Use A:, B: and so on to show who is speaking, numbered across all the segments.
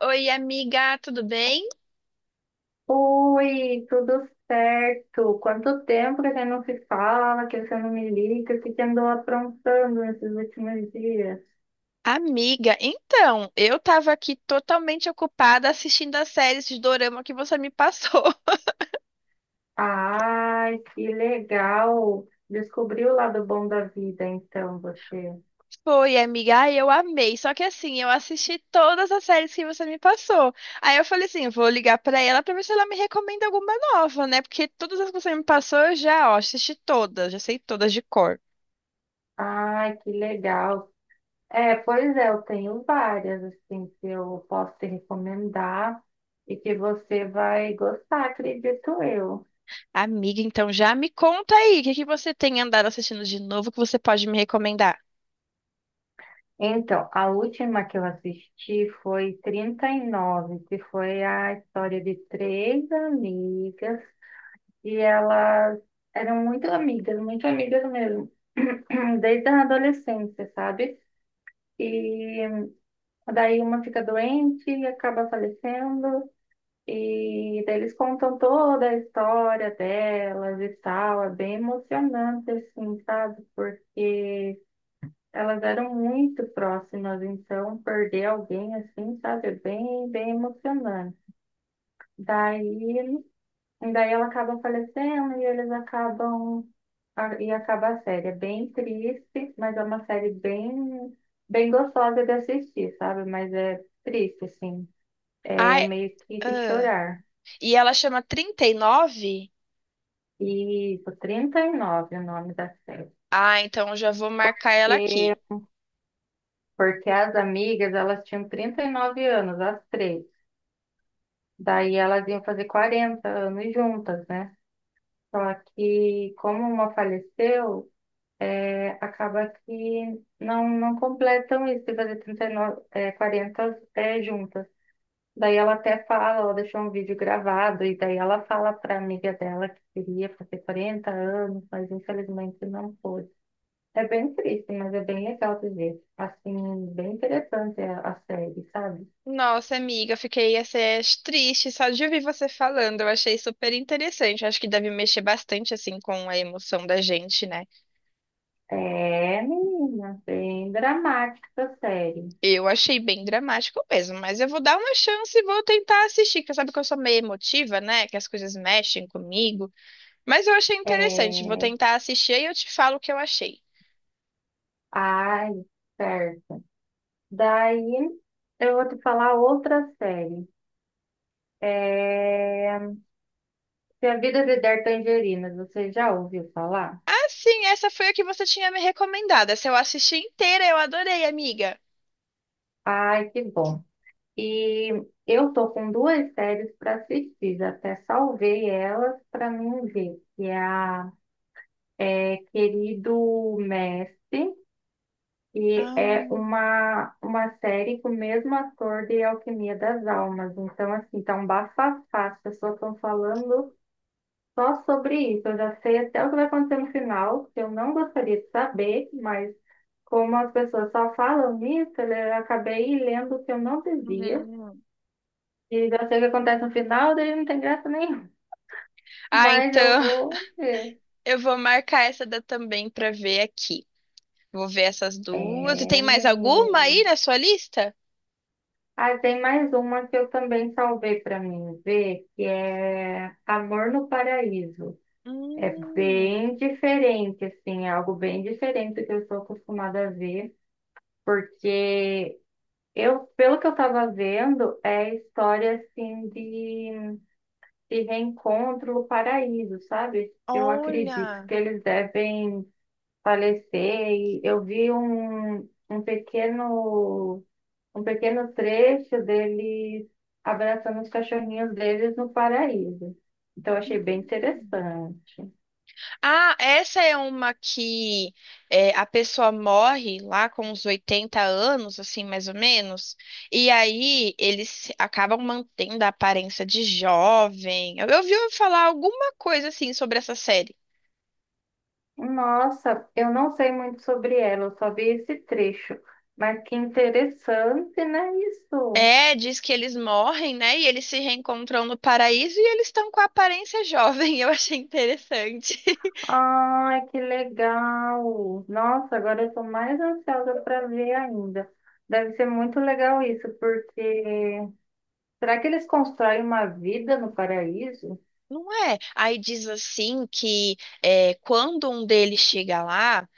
A: Oi, amiga, tudo bem?
B: Oi, tudo certo? Quanto tempo que você não se fala, que você não me liga, o que você andou aprontando nesses últimos dias?
A: Amiga, então, eu tava aqui totalmente ocupada assistindo a série de dorama que você me passou.
B: Ai, que legal! Descobriu o lado bom da vida, então, você.
A: Foi, amiga, ai, eu amei. Só que assim, eu assisti todas as séries que você me passou. Aí eu falei assim, vou ligar pra ela pra ver se ela me recomenda alguma nova, né? Porque todas as que você me passou, eu já, ó, assisti todas, já sei todas de cor.
B: Ai, que legal! É, pois é, eu tenho várias, assim, que eu posso te recomendar e que você vai gostar, acredito eu.
A: Amiga, então já me conta aí, o que que você tem andado assistindo de novo que você pode me recomendar?
B: Então, a última que eu assisti foi 39, que foi a história de três amigas, e elas eram muito amigas mesmo, desde a adolescência, sabe? E daí uma fica doente e acaba falecendo, e daí eles contam toda a história delas e tal, é bem emocionante, assim, sabe? Porque elas eram muito próximas, então perder alguém assim, sabe, é bem, bem emocionante. Daí, daí ela acaba falecendo e eles acabam e acaba a série. É bem triste, mas é uma série bem, bem gostosa de assistir, sabe? Mas é triste, assim. É
A: Ai,
B: meio que de
A: ah,
B: chorar.
A: e ela chama 39.
B: E isso, 39 o nome da série.
A: Ah, então já vou marcar ela
B: E
A: aqui.
B: porque as amigas, elas tinham 39 anos, as três. Daí elas iam fazer 40 anos juntas, né? Só que como uma faleceu, é, acaba que não, não completam isso de fazer 39, é, 40 é, juntas. Daí ela até fala, ela deixou um vídeo gravado, e daí ela fala para amiga dela que queria fazer 40 anos, mas infelizmente não pôde. É bem triste, mas é bem legal de ver. Assim, bem interessante a série, sabe?
A: Nossa, amiga, fiquei assim, triste só de ouvir você falando. Eu achei super interessante. Acho que deve mexer bastante assim com a emoção da gente, né?
B: É, menina, bem dramática a série.
A: Eu achei bem dramático mesmo, mas eu vou dar uma chance e vou tentar assistir, que sabe que eu sou meio emotiva, né? Que as coisas mexem comigo. Mas eu achei interessante. Vou
B: É...
A: tentar assistir e eu te falo o que eu achei.
B: Ai, certo. Daí eu vou te falar outra série. É... Se a Vida lhe der tangerinas, você já ouviu falar?
A: Ah, sim, essa foi a que você tinha me recomendado. Essa eu assisti inteira, eu adorei, amiga.
B: Ai, que bom. E eu tô com duas séries para assistir, até salvei elas para mim ver, que é a é, Querido Mestre. E é
A: Ah,
B: uma série com o mesmo ator de Alquimia das Almas. Então, assim, tá um bafafá. As pessoas estão falando só sobre isso. Eu já sei até o que vai acontecer no final, que eu não gostaria de saber, mas como as pessoas só falam nisso, eu acabei lendo o que eu não devia.
A: hum.
B: E já sei o que acontece no final, daí não tem graça nenhuma.
A: Ah,
B: Mas eu
A: então.
B: vou ver.
A: Eu vou marcar essa da também pra ver aqui. Vou ver essas duas. E
B: É,
A: tem mais alguma
B: menino.
A: aí na sua lista?
B: Ah, tem mais uma que eu também salvei para mim ver, que é Amor no Paraíso. É
A: Hum,
B: bem diferente, assim, é algo bem diferente do que eu estou acostumada a ver, porque eu, pelo que eu estava vendo, é história assim de reencontro no paraíso, sabe? Eu acredito
A: olha.
B: que eles devem falecer e eu vi um pequeno um pequeno trecho deles abraçando os cachorrinhos deles no paraíso. Então, eu achei bem interessante.
A: Ah, essa é uma que é, a pessoa morre lá com uns 80 anos, assim, mais ou menos, e aí eles acabam mantendo a aparência de jovem. Eu ouvi falar alguma coisa assim sobre essa série.
B: Nossa, eu não sei muito sobre ela, eu só vi esse trecho. Mas que interessante, né, isso?
A: É, diz que eles morrem, né? E eles se reencontram no paraíso e eles estão com a aparência jovem. Eu achei interessante.
B: Ai, que legal! Nossa, agora eu estou mais ansiosa para ver ainda. Deve ser muito legal isso, porque será que eles constroem uma vida no paraíso?
A: Não é? Aí diz assim que é, quando um deles chega lá.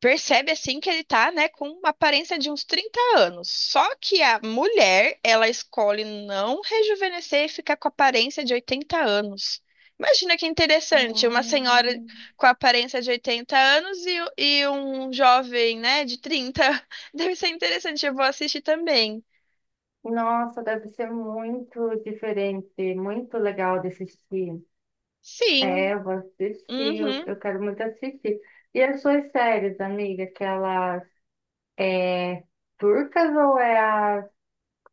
A: Percebe assim que ele tá, né, com uma aparência de uns 30 anos. Só que a mulher, ela escolhe não rejuvenescer e ficar com a aparência de 80 anos. Imagina que interessante, uma senhora
B: Hum.
A: com a aparência de 80 anos e um jovem, né, de 30. Deve ser interessante, eu vou assistir também.
B: Nossa, deve ser muito diferente, muito legal de assistir.
A: Sim,
B: É, eu vou assistir, eu,
A: uhum,
B: eu quero muito assistir. E as suas séries, amiga, aquelas é, turcas ou é a.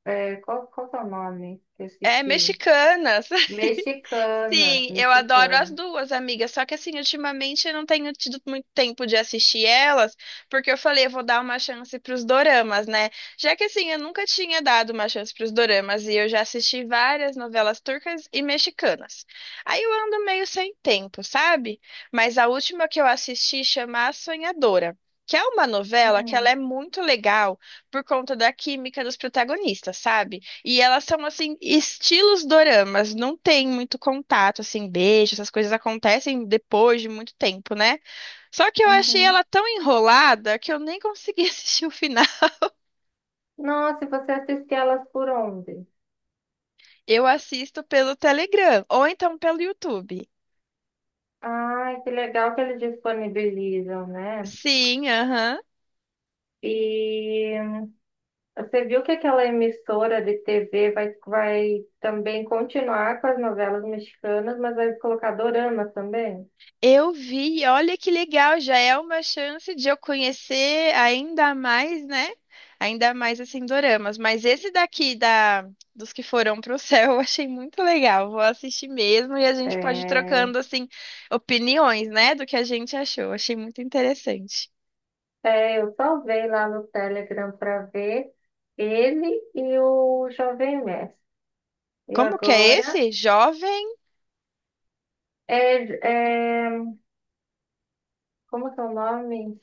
B: É, qual que é o nome que eu
A: é
B: assisti?
A: mexicanas.
B: Mexicanas,
A: Sim, eu adoro as
B: mexicanas.
A: duas, amiga. Só que assim, ultimamente eu não tenho tido muito tempo de assistir elas, porque eu falei, eu vou dar uma chance pros doramas, né? Já que assim, eu nunca tinha dado uma chance pros doramas e eu já assisti várias novelas turcas e mexicanas. Aí eu ando meio sem tempo, sabe? Mas a última que eu assisti chama A Sonhadora. Que é uma novela que ela
B: Hum,
A: é muito legal por conta da química dos protagonistas, sabe? E elas são, assim, estilos doramas, não tem muito contato, assim, beijo, essas coisas acontecem depois de muito tempo, né? Só que eu achei
B: uhum.
A: ela tão enrolada que eu nem consegui assistir o final.
B: Nossa, e você assiste elas por onde?
A: Eu assisto pelo Telegram, ou então pelo YouTube.
B: Ai, que legal que eles disponibilizam, né?
A: Sim, aham.
B: E você viu que aquela emissora de TV vai também continuar com as novelas mexicanas, mas vai colocar dorama também?
A: Eu vi, olha que legal, já é uma chance de eu conhecer ainda mais, né? Ainda mais assim doramas, mas esse daqui da dos que foram pro céu, eu achei muito legal. Vou assistir mesmo e a gente pode ir
B: É,
A: trocando assim opiniões, né, do que a gente achou. Achei muito interessante.
B: eu salvei lá no Telegram para ver ele e o Jovem Mestre. E
A: Como que é
B: agora
A: esse? Jovem,
B: é, é, como que é o nome?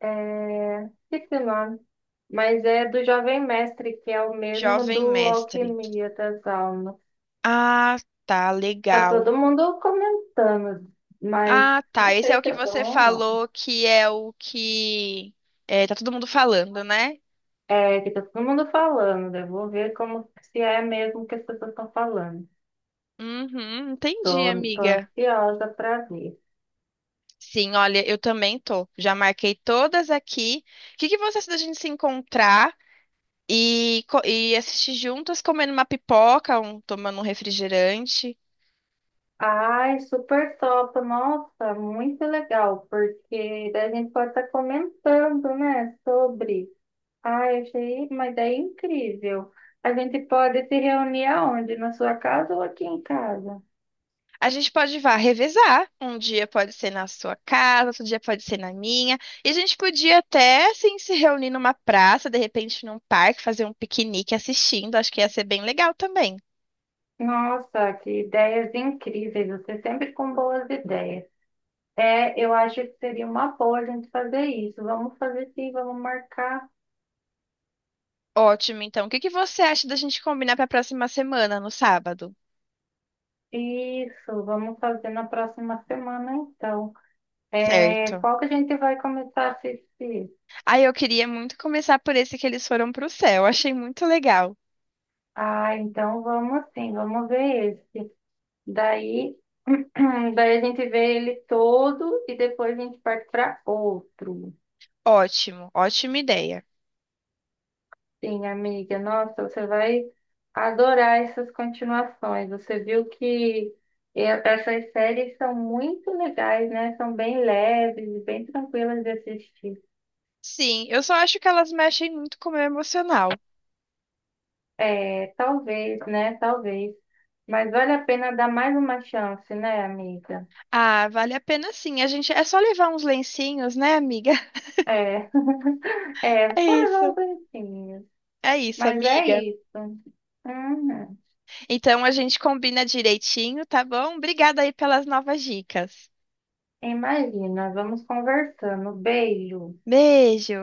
B: É, esqueci o nome. Mas é do Jovem Mestre, que é o mesmo
A: jovem
B: do
A: mestre.
B: Alquimia das Almas.
A: Ah, tá,
B: Tá
A: legal.
B: todo mundo comentando, mas
A: Ah, tá.
B: não
A: Esse é o
B: sei se
A: que
B: é bom
A: você
B: ou não.
A: falou que é o que é, tá todo mundo falando, né?
B: É que tá todo mundo falando, eu vou ver como se é mesmo que as pessoas estão falando.
A: Uhum, entendi,
B: Tô
A: amiga.
B: ansiosa para ver.
A: Sim, olha, eu também tô. Já marquei todas aqui. O que que você acha da gente se encontrar e, e assistir juntas, comendo uma pipoca, tomando um refrigerante?
B: Ai, super top, nossa, muito legal, porque daí a gente pode estar comentando, né, sobre. Ai, achei uma ideia incrível. A gente pode se reunir aonde? Na sua casa ou aqui em casa?
A: A gente pode vá revezar. Um dia pode ser na sua casa, outro dia pode ser na minha. E a gente podia até, assim, se reunir numa praça, de repente num parque, fazer um piquenique assistindo. Acho que ia ser bem legal também.
B: Nossa, que ideias incríveis. Você sempre com boas ideias. É, eu acho que seria uma boa a gente fazer isso. Vamos fazer sim, vamos marcar
A: Ótimo, então. O que que você acha da gente combinar para a próxima semana, no sábado?
B: isso. Vamos fazer na próxima semana, então. É,
A: Certo.
B: qual que a gente vai começar a assistir?
A: Aí eu queria muito começar por esse que eles foram pro céu. Achei muito legal.
B: Ah, então vamos sim, vamos ver esse. Daí, daí a gente vê ele todo e depois a gente parte para outro.
A: Ótimo, ótima ideia.
B: Sim, amiga, nossa, você vai adorar essas continuações. Você viu que essas séries são muito legais, né? São bem leves e bem tranquilas de assistir.
A: Sim, eu só acho que elas mexem muito com o meu emocional.
B: É, talvez, né? Talvez. Mas vale a pena dar mais uma chance, né, amiga?
A: Ah, vale a pena sim. A gente é só levar uns lencinhos, né, amiga?
B: É, é,
A: É
B: só levar os
A: isso.
B: bonitinhos.
A: É isso,
B: Mas é
A: amiga.
B: isso. Uhum.
A: Então a gente combina direitinho, tá bom? Obrigada aí pelas novas dicas.
B: Imagina, vamos conversando. Beijo.
A: Beijo.